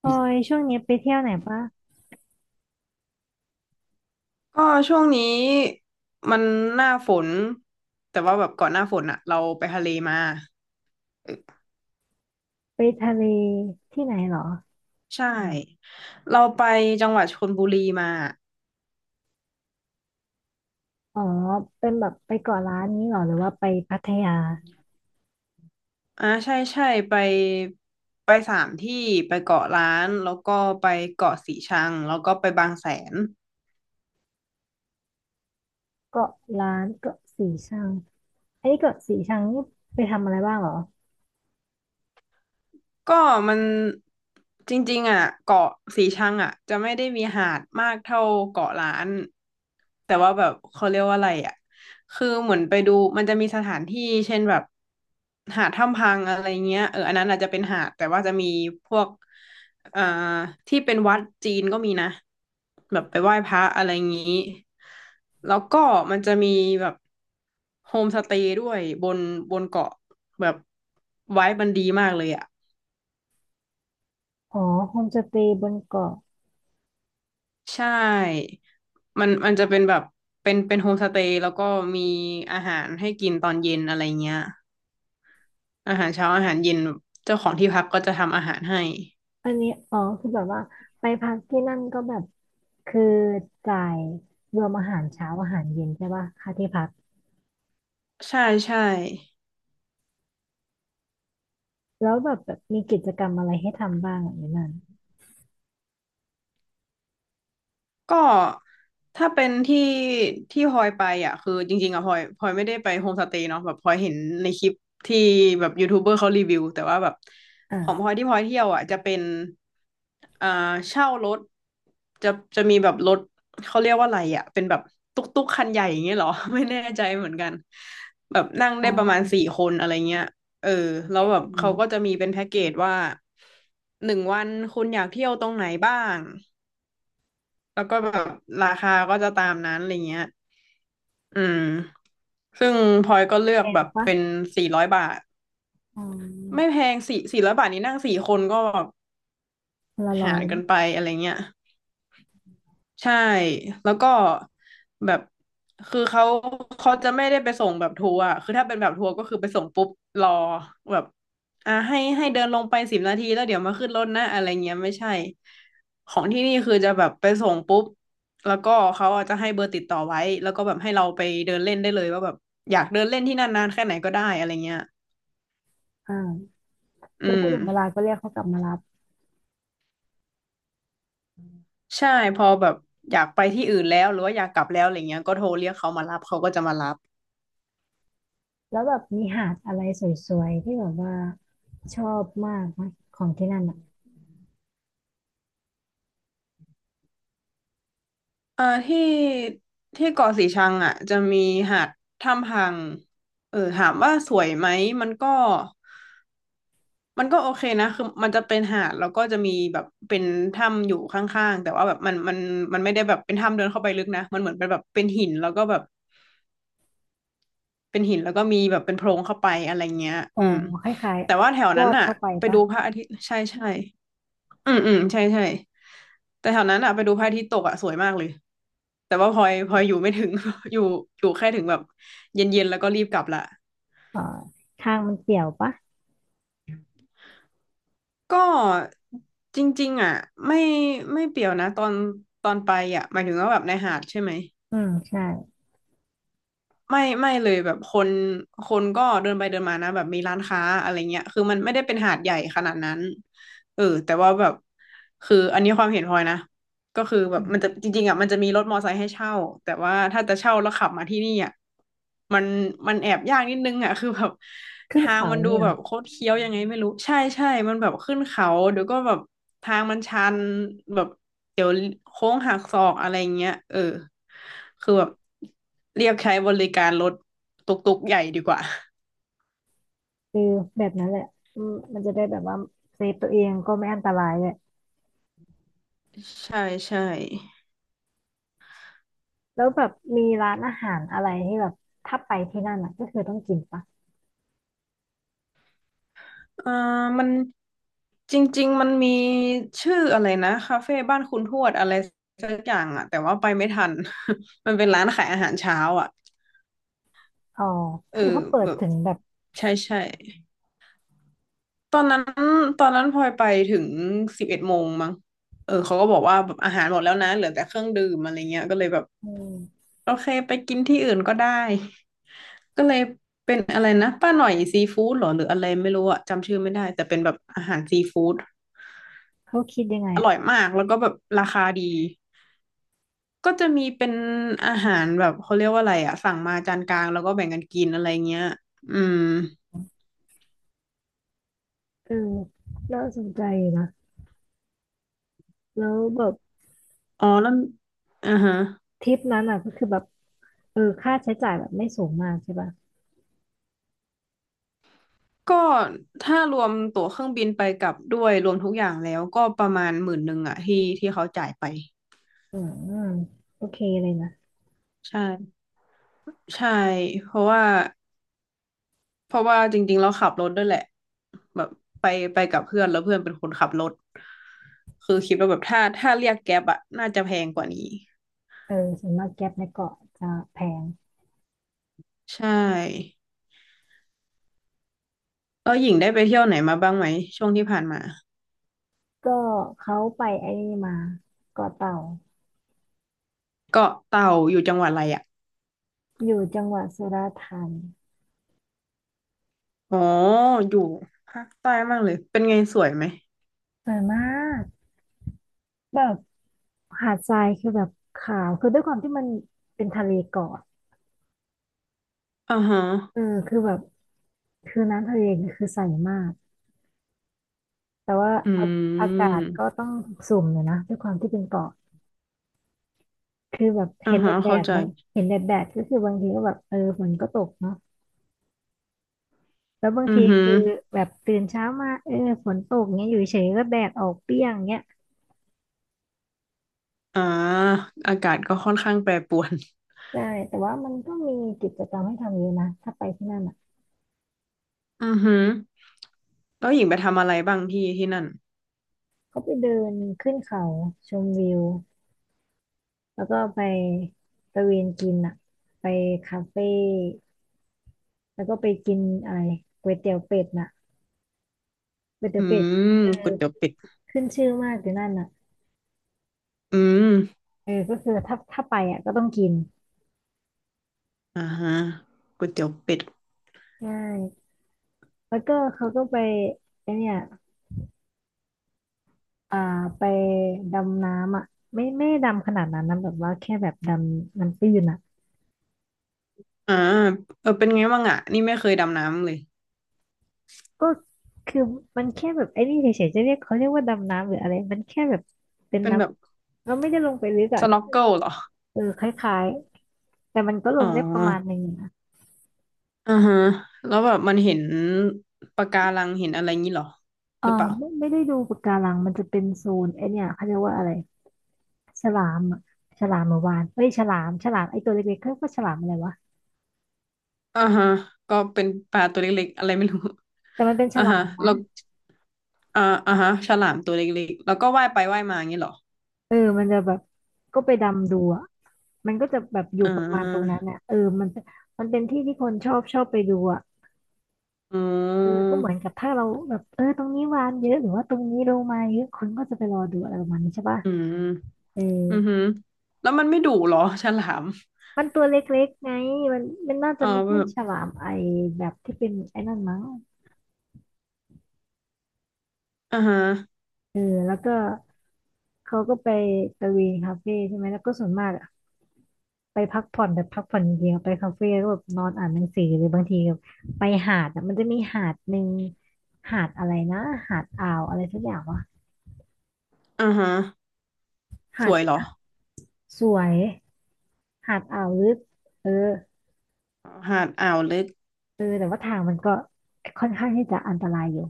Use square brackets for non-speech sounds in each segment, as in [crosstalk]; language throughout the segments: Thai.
พลอยช่วงนี้ไปเที่ยวไหนปะก็ช่วงนี้มันหน้าฝนแต่ว่าแบบก่อนหน้าฝนอะเราไปทะเลมาเออไปทะเลที่ไหนเหรอใช่เราไปจังหวัดชลบุรีมาอ๋อเป็นแบบไปเกาะล้านนี้เหรอหรือว่าไปพัทยาอ่าใช่ใช่ไปไปสามที่ไปเกาะล้านแล้วก็ไปเกาะสีชังแล้วก็ไปบางแสน เกาะล้านเกาะสีชังอันนี้เกาะสีชังนี่ไปทำอะไรบ้างเหรอก็มันจริงๆอ่ะเกาะสีชังอ่ะจะไม่ได้มีหาดมากเท่าเกาะล้านแต่ว่าแบบเขาเรียกว่าอะไรอ่ะคือเหมือนไปดูมันจะมีสถานที่เช่นแบบหาดถ้ำพังอะไรเงี้ยเอออันนั้นอาจจะเป็นหาดแต่ว่าจะมีพวกเอ่อที่เป็นวัดจีนก็มีนะแบบไปไหว้พระอะไรงี้แล้วก็มันจะมีแบบโฮมสเตย์ด้วยบนเกาะแบบไว้มันดีมากเลยอ่ะ อ๋อโฮมสเตย์บนเกาะใช่มันจะเป็นแบบ เป็นโฮมสเตย์แล้วก็มีอาหารให้กินตอนเย็นอะไรเงี้ย อาหารเช้า อาหารเย็น เจ้าของที่พักก็จะทำอาหารให้ อันนี้อ๋อคือแบบว่าไปพักที่นั่นก็แบบ คือจ่ายรวมอาหารเช้าอาหารเย็นใช่ปะค่าที่พักใช่ใช่ แล้วแบบมีกิจกรรมอะไรให้ทำบ้างอ่ะในนั้นก็ถ้าเป็นที่ที่พลอยไปอ่ะคือจริงๆอ่ะพลอยไม่ได้ไปโฮมสเตย์เนาะแบบพลอยเห็นในคลิปที่แบบยูทูบเบอร์เขารีวิวแต่ว่าแบบอ่าของพลอยที่พลอยเที่ยวอ่ะจะเป็นอ่าเช่ารถจะจะมีแบบรถเขาเรียกว่าอะไรอ่ะเป็นแบบตุ๊กตุ๊กคันใหญ่อย่างเงี้ยเหรอ [laughs] ไม่แน่ใจเหมือนกันแบบนั่งอ๋ได้อประมาณสี่คนอะไรเงี้ยเออแล้เวแบบเขาก็ออจะมีเป็นแพ็กเกจว่าหนึ่งวันคุณอยากเที่ยวตรงไหนบ้าง แล้วก็แบบราคาก็จะตามนั้นอะไรเงี้ยอืม ซึ่งพลอยก็เลือแพกแบงบปะเป็นสี่ร้อยบาทอ๋ไม่อแพงสี่ร้อยบาทนี้นั่งสี่คนก็แบบคนละร้อหายรกันะนไปอะไรเงี้ย ใช่แล้วก็แบบคือเขาจะไม่ได้ไปส่งแบบทัวร์อะคือถ้าเป็นแบบทัวร์ก็คือไปส่งปุ๊บรอแบบให้เดินลงไป10 นาทีแล้วเดี๋ยวมาขึ้นรถนะอะไรเงี้ยไม่ใช่ของที่นี่คือจะแบบไปส่งปุ๊บแล้วก็เขาอาจจะให้เบอร์ติดต่อไว้แล้วก็แบบให้เราไปเดินเล่นได้เลยว่าแบบอยากเดินเล่นที่นั่นนานแค่ไหนก็ได้อะไรเงี้ยอ่า อืแล้วพูดถึงเวลามก็เรียกเขากลับมารับใช่พอแบบอยากไปที่อื่นแล้วหรือว่าอยากกลับแล้วอะไรเงี้ยก็โทรเรียกเขามารับเขาก็จะมารับ แล้วแบบมีหาดอะไรสวยๆ ที่แบบว่าชอบมากไหมของที่นั่นอ่ะที่ที่เกาะสีชังอ่ะจะมีหาดถ้ำพังเออถามว่าสวยไหมมันก็มันก็โอเคนะคือมันจะเป็นหาดแล้วก็จะมีแบบเป็นถ้ำอยู่ข้างๆแต่ว่าแบบมันไม่ได้แบบเป็นถ้ำเดินเข้าไปลึกนะมันเหมือนเป็นแบบเป็นหินแล้วก็แบบเป็นหินแล้วก็มีแบบเป็นโพรงเข้าไปอะไรเงี้ยอ๋ออืมคล้ายแต่ว่าแถวๆ ลอนั้นดอ่ะเข้าไปไปปะดูพระอาทิตย์ใช่ใช่ อืมอืมใช่ใช่แต่แถวนั้นอะไปดูพระอาทิตย์ตกอะสวยมากเลยแต่ว่าพลอยอยู่ไม่ถึง [laughs] อยู่อยู่แค่ถึงแบบเย็นๆแล้วก็รีบกลับละเอ่อทางมันเปี่ยวปะก็จริงๆอ่ะไม่ไม่เปรียวนะตอนไปอ่ะหมายถึงว่าแบบในหาดใช่ไหม อืมใช่ไม่ไม่เลยแบบคนก็เดินไปเดินมานะแบบมีร้านค้าอะไรเงี้ยคือมันไม่ได้เป็นหาดใหญ่ขนาดนั้นเออแต่ว่าแบบคืออันนี้ความเห็นพลอยนะก็คือแบอืบมันจะมจริงๆอ่ะมันจะมีรถมอไซค์ให้เช่าแต่ว่าถ้าจะเช่าแล้วขับมาที่นี่อ่ะมันมันแอบยากนิดนึงอ่ะคือแบบขึ้นทางเขามันดูเนี่ยเหรแบอบโคตรเคี้ยวยังไงไม่รู้ใช่ใช่มันแบบขึ้นเขาเดี๋ยวก็แบบทางมันชันแบบ เดี๋ยวโค้งหักศอกอะไรเงี้ยเออคือแบบเรียกใช้บริการรถตุกๆใหญ่ดีกว่าคือแบบนั้นแหละอืมมันจะได้แบบว่าเซฟตัวเองก็ไม่อันตรายเลย ใช่ใช่แล้วแบบมีร้านอาหารอะไรที่แบบถ้าไปที่นั่นอ่ะก็คือต้องกินปะอ่ามันจริงๆมันมีชื่ออะไรนะคาเฟ่บ้านคุณทวดอะไรสักอย่างอะแต่ว่าไปไม่ทัน [laughs] มันเป็นร้านขายอาหารเช้าอ่ะอ๋อเออคือเขาเปิดแบบถึงแบบใช่ใช่ตอนนั้นตอนนั้นพลอยไปถึง11 โมงมั้งเออเขาก็บอกว่าแบบอาหารหมดแล้วนะเหลือแต่เครื่องดื่มอะไรเงี้ยก็เลยแบบ อืมโอเคไปกินที่อื่นก็ได้ก็เลยเป็นอะไรนะป้าหน่อยซีฟู้ดเหรอหรืออะไรไม่รู้อะจำชื่อไม่ได้แต่เป็นแบบอาหารซีฟู้ดเขาคิดยังไงออ่ะร่อยมากแล้วก็แบบราคาดีก็จะมีเป็นอาหารแบบเขาเรียกว่าอะไรอะสั่งมาจานกลางแล้วก็แบ่งกันกินอะไรเงี้ยอืมเออน่าสนใจอยู่นะแล้วแบบ อ๋อแล้วอ่าฮะทริปนั้นอ่ะก็คือแบบเออค่าใช้จ่ายแบบไม่สูงมากใช่ป่ะก็ถ้ารวมตั๋วเครื่องบินไปกลับด้วยรวมทุกอย่างแล้วก็ประมาณหมื่นหนึ่งอะที่เขาจ่ายไปอืมโอเคเลยนะใช่ใช่เพราะว่า เพราะว่าจริงๆเราขับรถด้วยแหละแบบไปไปกับเพื่อนแล้วเพื่อนเป็นคนขับรถคือคิดว่าแบบถ้าเรียกแก๊ปอะน่าจะแพงกว่านี้เออส่วนมากแก๊ปในเกาะจะแพงใช่แล้วหญิงได้ไปเที่ยวไหนมาบ้างไหมช่วงที่ผ่านมาก็เขาไปไอ้นี่มาเกาะเต่าเกาะเต่าอยู่จังหวัดอะไรอะอยู่จังหวัดสุราษฎร์ธานีอ๋ออยู่ภาคใต้มากเลยเป็นไงสวยไหมสวยมากแบบหาดทรายคือแบบขาวคือด้วยความที่มันเป็นทะเลเกาะอ่าฮะเออคือแบบคือน้ำทะเลคือใสมากแต่ว่าอือาอากาศก็มต้องสุ่มเลยนะด้วยความที่เป็นเกาะ คือแบบอ่าเห็นแดฮะดแดเข้าดใจบางเห็นแดดแดดก็คือบางทีก็แบบเออฝนก็ตกเนาะแล้วบางอืทีอหือคือแบบตื่นเช้ามาเออฝนตกเงี้ยอยู่เฉยก็แดดออกเปรี้ยงเงี้ยอ่าอากาศก็ค่อนข้างแปรปรวนใช่แต่ว่ามันก็มีกิจกรรมให้ทำเยอะนะถ้าไปที่นั่นอ่ะอือหือแล้วหญิงไปทำอะไรบ้างที่ที่นั่น ก็ไปเดินขึ้นเขาชมวิวแล้วก็ไปตะเวนกินอ่ะไปคาเฟ่แล้วก็ไปกินอะไรก๋วยเตี๋ยวเป็ดน่ะก๋วยเตี๋ยอืวเป็ดมเออก๋วยเตี๋ยวเป็ดขึ้นชื่อมากอยู่นั่นน่ะอืมเออก็คือถ้าไปอ่ะก็ต้องกินอ่าฮะก๋วยเตี๋ยวเป็ดใช่ แล้วก็เขาก็ไปไอเนี่ยอ่าไปดำน้ำอ่ะไม่ดำขนาดนั้นนะแบบว่าแค่แบบดำน้ำตื้นอ่ะอ่าเออเป็นไงบ้างอ่ะนี่ไม่เคยดำน้ำเลยก็คือมันแค่แบบไอ้นี่เฉยๆจะเรียกเขาเรียกว่าดำน้ำหรืออะไรมันแค่แบบเป็นเป็นน้แบบำเราไม่ได้ลงไปลึกอ่ะสน็แค่อกเกิลเหรอเออคล้ายๆแต่มันก็ลอ๋องได้ประมาณหนึ่งอยู่นะอ่าฮะแล้วแบบมันเห็นปะการังเห็นอะไรงี้เหรอเอหอรือเปล่าไม่ได้ดูปะการังมันจะเป็นโซนไอเนี่ยเขาเรียกว่าอะไรฉลามอะฉลามหรือวานเฮ้ยฉลามไอตัวเล็กๆเขาเรียกว่าฉลามอะไรวะอ่าฮะก็เป็นปลาตัวเล็กๆอะไรไม่รู้ แต่มันเป็น [laughs] ฉอ่าลาฮะมแล้วอ่าอ่าฮะฉลามตัวเล็กๆแล้วก็ว่ายไปว่ายมาอย่างงี้เหรอเออมันจะแบบก็ไปดำดูอะ มันก็จะแบบอยู่อ่ประมาณตรงานั้นน่ะเออมันมันเป็นที่ที่คนชอบไปดูอ่ะอืเออก็เหมือนมกับถ้าเราแบบเออตรงนี้วานเยอะหรือว่าตรงนี้โลมาเยอะคนก็จะไปรอดูอะไรประมาณนี้ใช่ป่ะอืมเอออือหือแล้วมันไม่ดุเหรอฉลามมันตัวเล็กๆไงมันมันน่าจะอ๋อ ไม่ใช่ฉลามไอแบบที่เป็นไอ้นั่นมั้งอ่าฮะเออแล้วก็เขาก็ไปตะเวนคาเฟ่ใช่ไหมแล้วก็ส่วนมากอะ ไปพักผ่อนแบบพักผ่อนเดียวไปคาเฟ่ก็แบบนอนอ่านหนังสือหรือบางทีแบบไปหาดอ่ะมันจะมีหาดหนึ่งหาดอะไรนะหาดอ่าวอะไรสักอย่างวะอ่าฮะสหาดวยเหรอสวยหาดอ่าวลึกเอออ๋อหาดอ่าวลึกเออแต่ว่าทางมันก็ค่อนข้างที่จะอันตรายอยู่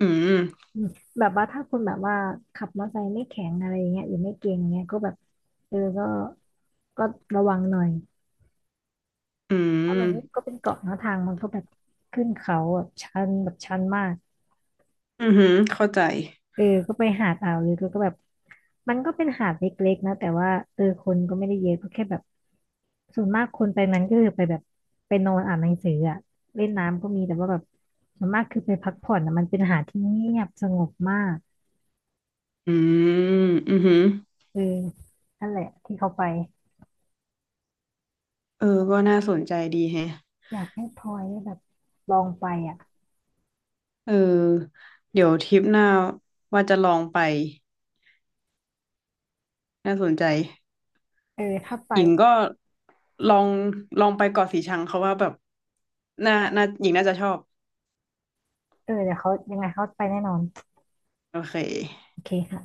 อืมอืมแบบว่าถ้าคุณแบบว่าขับมอเตอร์ไซค์ไม่แข็งอะไรอย่างเงี้ยหรือไม่เก่งเงี้ยก็แบบเออก็ระวังหน่อยอืเพราะมันก็มเป็นเกาะเนอะทางมันก็แบบขึ้นเขาแบบชันแบบชันมาก อือหือเข้าใจเออก็ไปหาดอ่าวลึกแล้วก็แบบมันก็เป็นหาดเล็กๆนะแต่ว่าเออคนก็ไม่ได้เยอะก็แค่แบบส่วนมากคนไปนั้นก็คือไปแบบไปนอนอ่านหนังสืออะเล่นน้ำก็มีแต่ว่าแบบส่วนมากคือไปพักผ่อนอะมันเป็นหาดที่เงียบสงบมากอืมอือหือเออนั่นแหละที่เขาไปเออก็น่าสนใจดีแฮะอยากให้พลอยได้แบบลองไปอ่ะเออเดี๋ยวทริปหน้าว่าจะลองไปน่าสนใจเออถ้าไปหญิงก็ลองลองไปเกาะสีชังเขาว่าแบบน่าหญิงน่าจะชอบเออเดี๋ยวเขายังไงเขาไปแน่นอนโอเคโอเคค่ะ